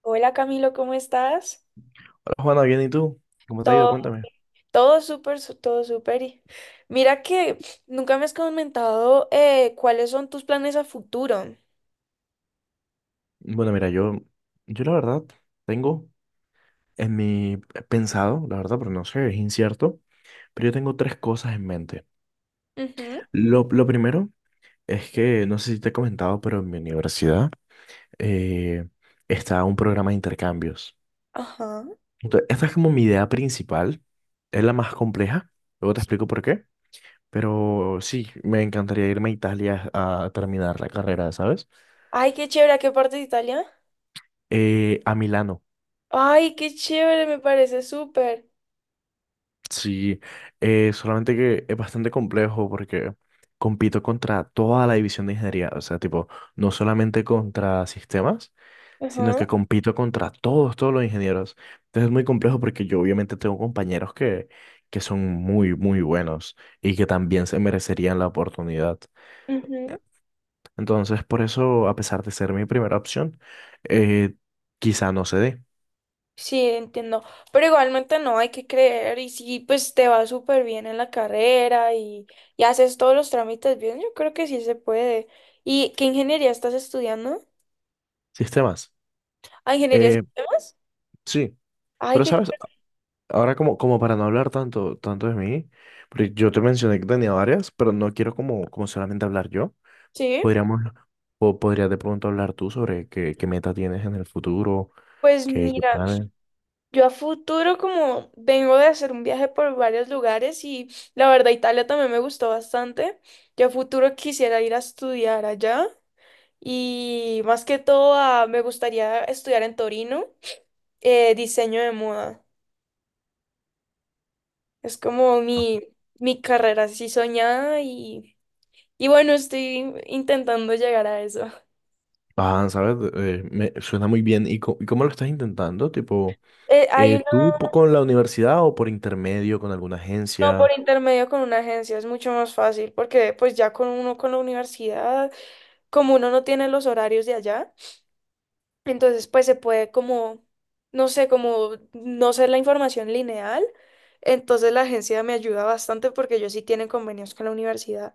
Hola Camilo, ¿cómo estás? Juana, bien, ¿y tú? ¿Cómo te ha ido? Todo, Cuéntame. todo súper, todo súper. Y mira que nunca me has comentado cuáles son tus planes a futuro. Bueno, mira, yo la verdad tengo en mi he pensado, la verdad, pero no sé, es incierto, pero yo tengo tres cosas en mente. Ujú. Lo primero es que, no sé si te he comentado, pero en mi universidad eh, está un programa de intercambios. Ajá. Entonces, esta es como mi idea principal, es la más compleja, luego te explico por qué, pero sí, me encantaría irme a Italia a terminar la carrera, ¿sabes? Ay, qué chévere, ¿a qué parte de Italia? A Milano. Ay, qué chévere, me parece súper. Sí, solamente que es bastante complejo porque compito contra toda la división de ingeniería, o sea, tipo, no solamente contra sistemas, sino Ajá. que compito contra todos los ingenieros. Entonces es muy complejo porque yo obviamente tengo compañeros que son muy, muy buenos y que también se merecerían la oportunidad. Ujú. Entonces, por eso, a pesar de ser mi primera opción, eh, quizá no se dé Sí, entiendo. Pero igualmente no, hay que creer. Y si pues te va súper bien en la carrera y haces todos los trámites bien, yo creo que sí se puede. ¿Y qué ingeniería estás estudiando? sistemas. ¿Ah, ingeniería de Eh, sistemas? sí, Ay, pero qué sabes, ahora como para no hablar tanto, tanto de mí, porque yo te mencioné que tenía varias, pero no quiero como solamente hablar yo. sí, Podríamos, o podrías de pronto hablar tú sobre qué meta tienes en el futuro, pues qué mira, planes. yo a futuro como vengo de hacer un viaje por varios lugares y la verdad Italia también me gustó bastante. Yo a futuro quisiera ir a estudiar allá y más que todo me gustaría estudiar en Torino, diseño de moda. Es como mi carrera así soñada y bueno, estoy intentando llegar a eso. Ah, ¿sabes? Me suena muy bien. ¿Y, y cómo lo estás intentando? Tipo, Eh, hay una ¿tú con la universidad o por intermedio con alguna no, por agencia? intermedio con una agencia, es mucho más fácil porque pues ya con uno con la universidad. Como uno no tiene los horarios de allá, entonces pues se puede como, no sé, como no ser la información lineal. Entonces la agencia me ayuda bastante porque ellos sí tienen convenios con la universidad.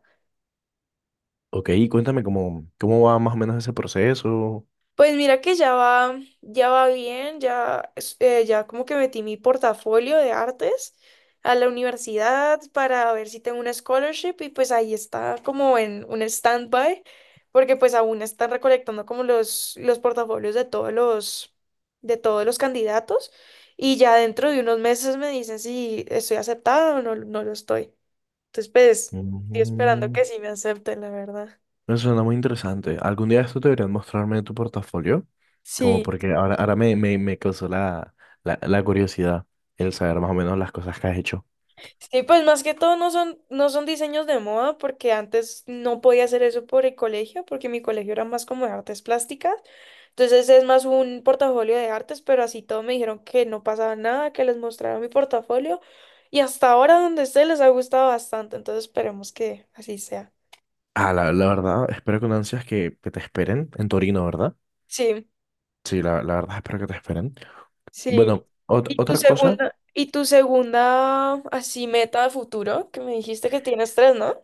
Ok, cuéntame cómo va más o menos ese proceso. Pues mira que ya va bien, ya como que metí mi portafolio de artes a la universidad para ver si tengo una scholarship, y pues ahí está como en un standby, porque pues aún están recolectando como los portafolios de todos de todos los candidatos, y ya dentro de unos meses me dicen si estoy aceptada o no, no lo estoy. Entonces pues estoy esperando Ujú. que sí me acepten, la verdad. Me suena muy interesante. Algún día esto deberían mostrarme tu portafolio, como Sí. porque ahora me causó la curiosidad el saber más o menos las cosas que has hecho. Sí, pues más que todo no son, no son diseños de moda, porque antes no podía hacer eso por el colegio, porque mi colegio era más como de artes plásticas. Entonces es más un portafolio de artes, pero así todo me dijeron que no pasaba nada, que les mostrara mi portafolio. Y hasta ahora donde esté les ha gustado bastante, entonces esperemos que así sea. Ah, la verdad, espero con ansias que te esperen en Torino, ¿verdad? Sí, Sí, la verdad espero que te esperen. sí. Bueno, otra cosa, Y tu segunda así meta de futuro? Que me dijiste que tienes tres, ¿no?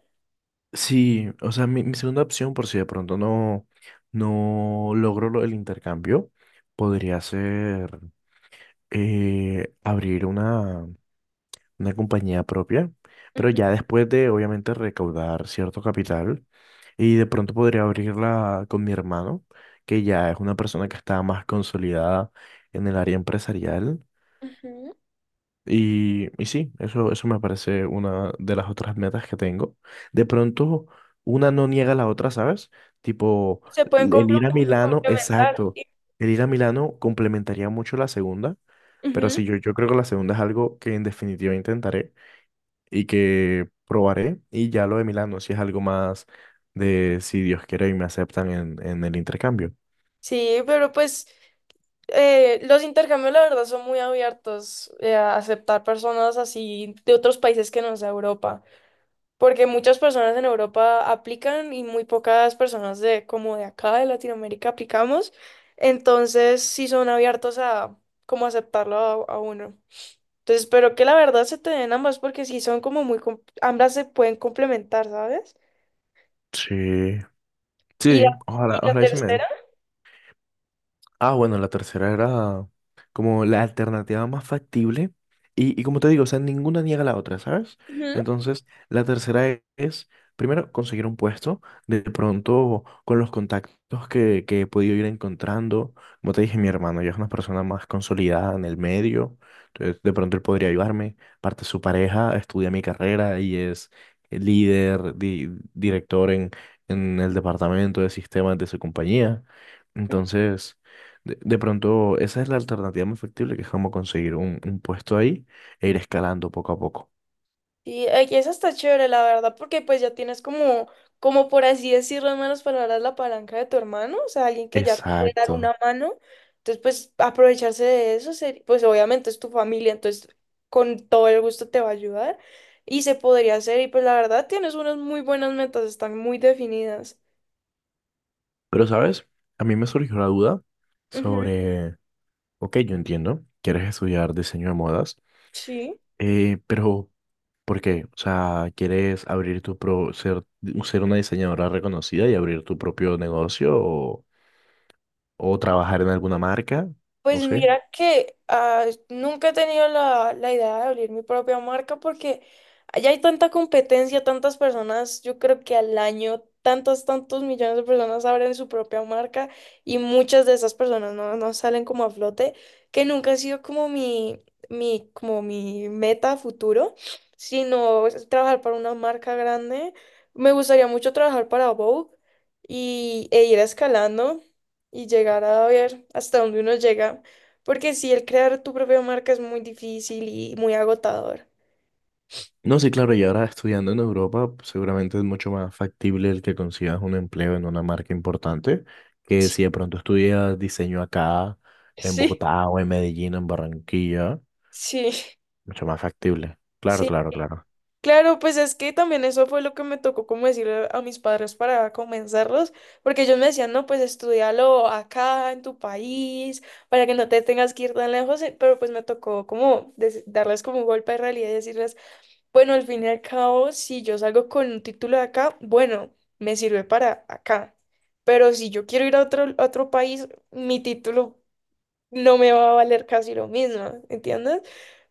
sí, o sea, mi segunda opción, por si de pronto no, no logro el intercambio, podría ser abrir una compañía propia, pero Ujú, ya después de obviamente recaudar cierto capital y de pronto podría abrirla con mi hermano, que ya es una persona que está más consolidada en el área empresarial. ujú. Y sí, eso me parece una de las otras metas que tengo. De pronto, una no niega a la otra, ¿sabes? Tipo, Se pueden el ir a complementar. Milano, Complementar, exacto. sí. El ir a Milano complementaría mucho la segunda, pero Ujú. sí, yo creo que la segunda es algo que en definitiva intentaré y que probaré y ya lo de Milano, si es algo más de si Dios quiere y me aceptan en el intercambio. Sí, pero pues los intercambios la verdad son muy abiertos a aceptar personas así de otros países que no sea Europa, porque muchas personas en Europa aplican y muy pocas personas de como de acá de Latinoamérica aplicamos, entonces sí son abiertos a como aceptarlo a uno. Entonces espero que la verdad se te den ambas porque sí son como muy, ambas se pueden complementar, ¿sabes? Sí, sí, Y sí, ojalá, y la ojalá y se me dé. tercera. Ah, bueno, la tercera era como la alternativa más factible. Y como te digo, o sea, ninguna niega la otra, ¿sabes? Entonces, la tercera es, primero, conseguir un puesto, de pronto con los contactos que he podido ir encontrando. Como te dije, mi hermano ya es una persona más consolidada en el medio, entonces de pronto él podría ayudarme. Parte su pareja estudia mi carrera y es líder, director en el departamento de sistemas de su compañía. Entonces... De pronto, esa es la alternativa más factible, que es como conseguir un puesto ahí e ir escalando poco a poco. Y eso está chévere, la verdad, porque pues ya tienes como, como por así decirlo, en malas palabras, la palanca de tu hermano, o sea, alguien que ya te puede dar una Exacto. mano. Entonces, pues aprovecharse de eso, pues obviamente es tu familia, entonces con todo el gusto te va a ayudar y se podría hacer. Y pues la verdad, tienes unas muy buenas metas, están muy definidas. Pero, ¿sabes? A mí me surgió la duda Ujú. sobre, ok, yo entiendo, quieres estudiar diseño de modas, Sí. Pero ¿por qué? O sea, ¿quieres abrir tu ser, ser una diseñadora reconocida y abrir tu propio negocio o trabajar en alguna marca? No Pues sé. mira que ah, nunca he tenido la idea de abrir mi propia marca porque allá hay tanta competencia, tantas personas, yo creo que al año tantos, tantos millones de personas abren su propia marca y muchas de esas personas no, no salen como a flote, que nunca ha sido como como mi meta a futuro, sino es trabajar para una marca grande. Me gustaría mucho trabajar para Vogue e ir escalando y llegar a ver hasta dónde uno llega, porque si el crear tu propia marca es muy difícil y muy agotador. No, sí, claro, y ahora estudiando en Europa, seguramente es mucho más factible el que consigas un empleo en una marca importante que Sí, si de pronto estudias diseño acá, en sí. Bogotá o en Medellín, en Barranquilla, Sí, mucho más factible. Claro, sí. claro, claro. Claro, pues es que también eso fue lo que me tocó como decirle a mis padres para comenzarlos, porque ellos me decían, no, pues estudialo acá en tu país, para que no te tengas que ir tan lejos, pero pues me tocó como darles como un golpe de realidad y decirles, bueno, al fin y al cabo, si yo salgo con un título de acá, bueno, me sirve para acá. Pero si yo quiero ir a a otro país, mi título no me va a valer casi lo mismo, ¿entiendes?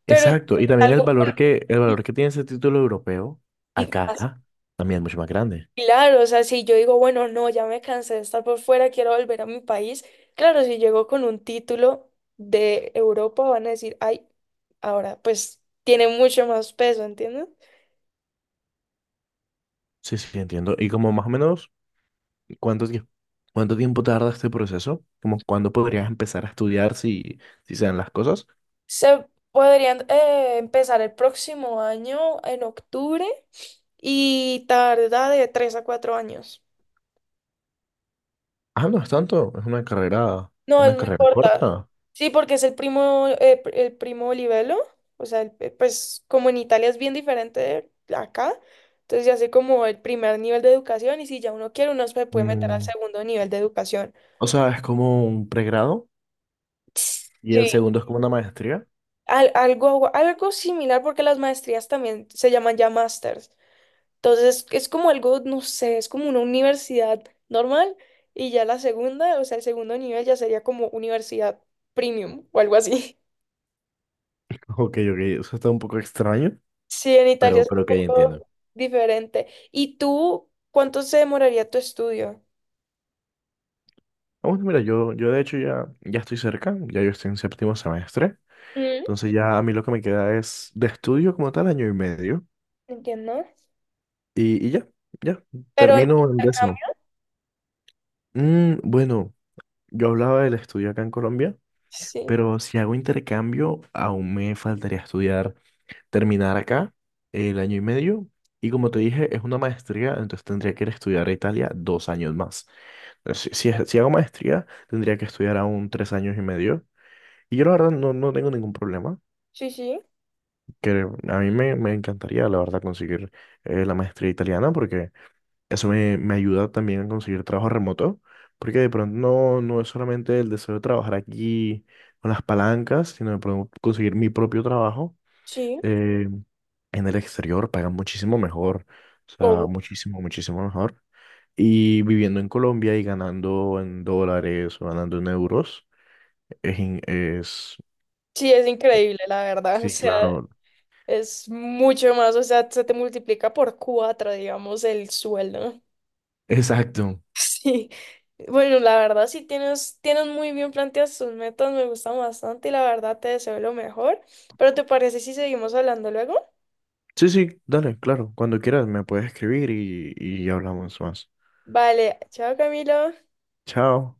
Pero Exacto, y también algo el valor que tiene ese título europeo acá más también es mucho más grande. claro, o sea, si yo digo, bueno, no, ya me cansé de estar por fuera, quiero volver a mi país, claro, si llego con un título de Europa, van a decir, ay, ahora pues tiene mucho más peso, ¿entiendes? Sí, sí, entiendo. Y como más o menos, ¿cuánto tiempo, cuánto tiempo tarda este proceso? ¿Como cuándo podrías empezar a estudiar si, si se dan las cosas? Se podrían empezar el próximo año, en octubre, y tarda de 3 a 4 años. Ah, no es tanto, es No, es una muy carrera corta. corta. Sí, porque es el primo, el primo Olivelo. O sea, pues como en Italia es bien diferente de acá. Entonces ya sé como el primer nivel de educación y si ya uno quiere, uno se puede meter al Mm, segundo nivel de educación. o sea, es como un pregrado y el Sí, segundo es como una maestría. Algo, algo similar porque las maestrías también se llaman ya másters. Entonces es como algo, no sé, es como una universidad normal, y ya la segunda, o sea, el segundo nivel ya sería como universidad premium o algo así. Ok, ok, eso está un poco extraño, Sí, en Italia es un pero ok, poco entiendo. diferente. ¿Y tú cuánto se demoraría tu estudio? Ah, bueno, mira, yo de hecho ya, ya estoy cerca, ya yo estoy en séptimo semestre, Mm. entonces ya a mí lo que me queda es de estudio como tal año y medio Entiendo. Y ya, ya, Pero en termino en décimo. intercambio, Mm, bueno, yo hablaba del estudio acá en Colombia, sí, pero si hago intercambio aún me faltaría estudiar terminar acá el año y medio. Y como te dije, es una maestría, entonces tendría que ir a estudiar a Italia dos años más. Entonces, si, si, si hago maestría, tendría que estudiar aún tres años y medio. Y yo la verdad no, no tengo ningún problema, sí, sí, que a mí me encantaría la verdad conseguir la maestría italiana porque eso me ayuda también a conseguir trabajo remoto, porque de pronto no, no es solamente el deseo de trabajar aquí con las palancas, sino de pronto conseguir mi propio trabajo sí. eh, en el exterior pagan muchísimo mejor, o sea, Obvio. muchísimo, muchísimo mejor. Y viviendo en Colombia y ganando en dólares o ganando en euros, es, es... Sí, es increíble, la verdad. O Sí, sea, claro. es mucho más, o sea, se te multiplica por cuatro, digamos, el sueldo. Exacto. Sí, bueno, la verdad sí tienes, tienes muy bien planteadas tus metas, me gustan bastante y la verdad te deseo lo mejor, pero ¿te parece si seguimos hablando luego? Sí, sí, dale, claro. Cuando quieras me puedes escribir y hablamos más. Vale, chao Camilo. Chao.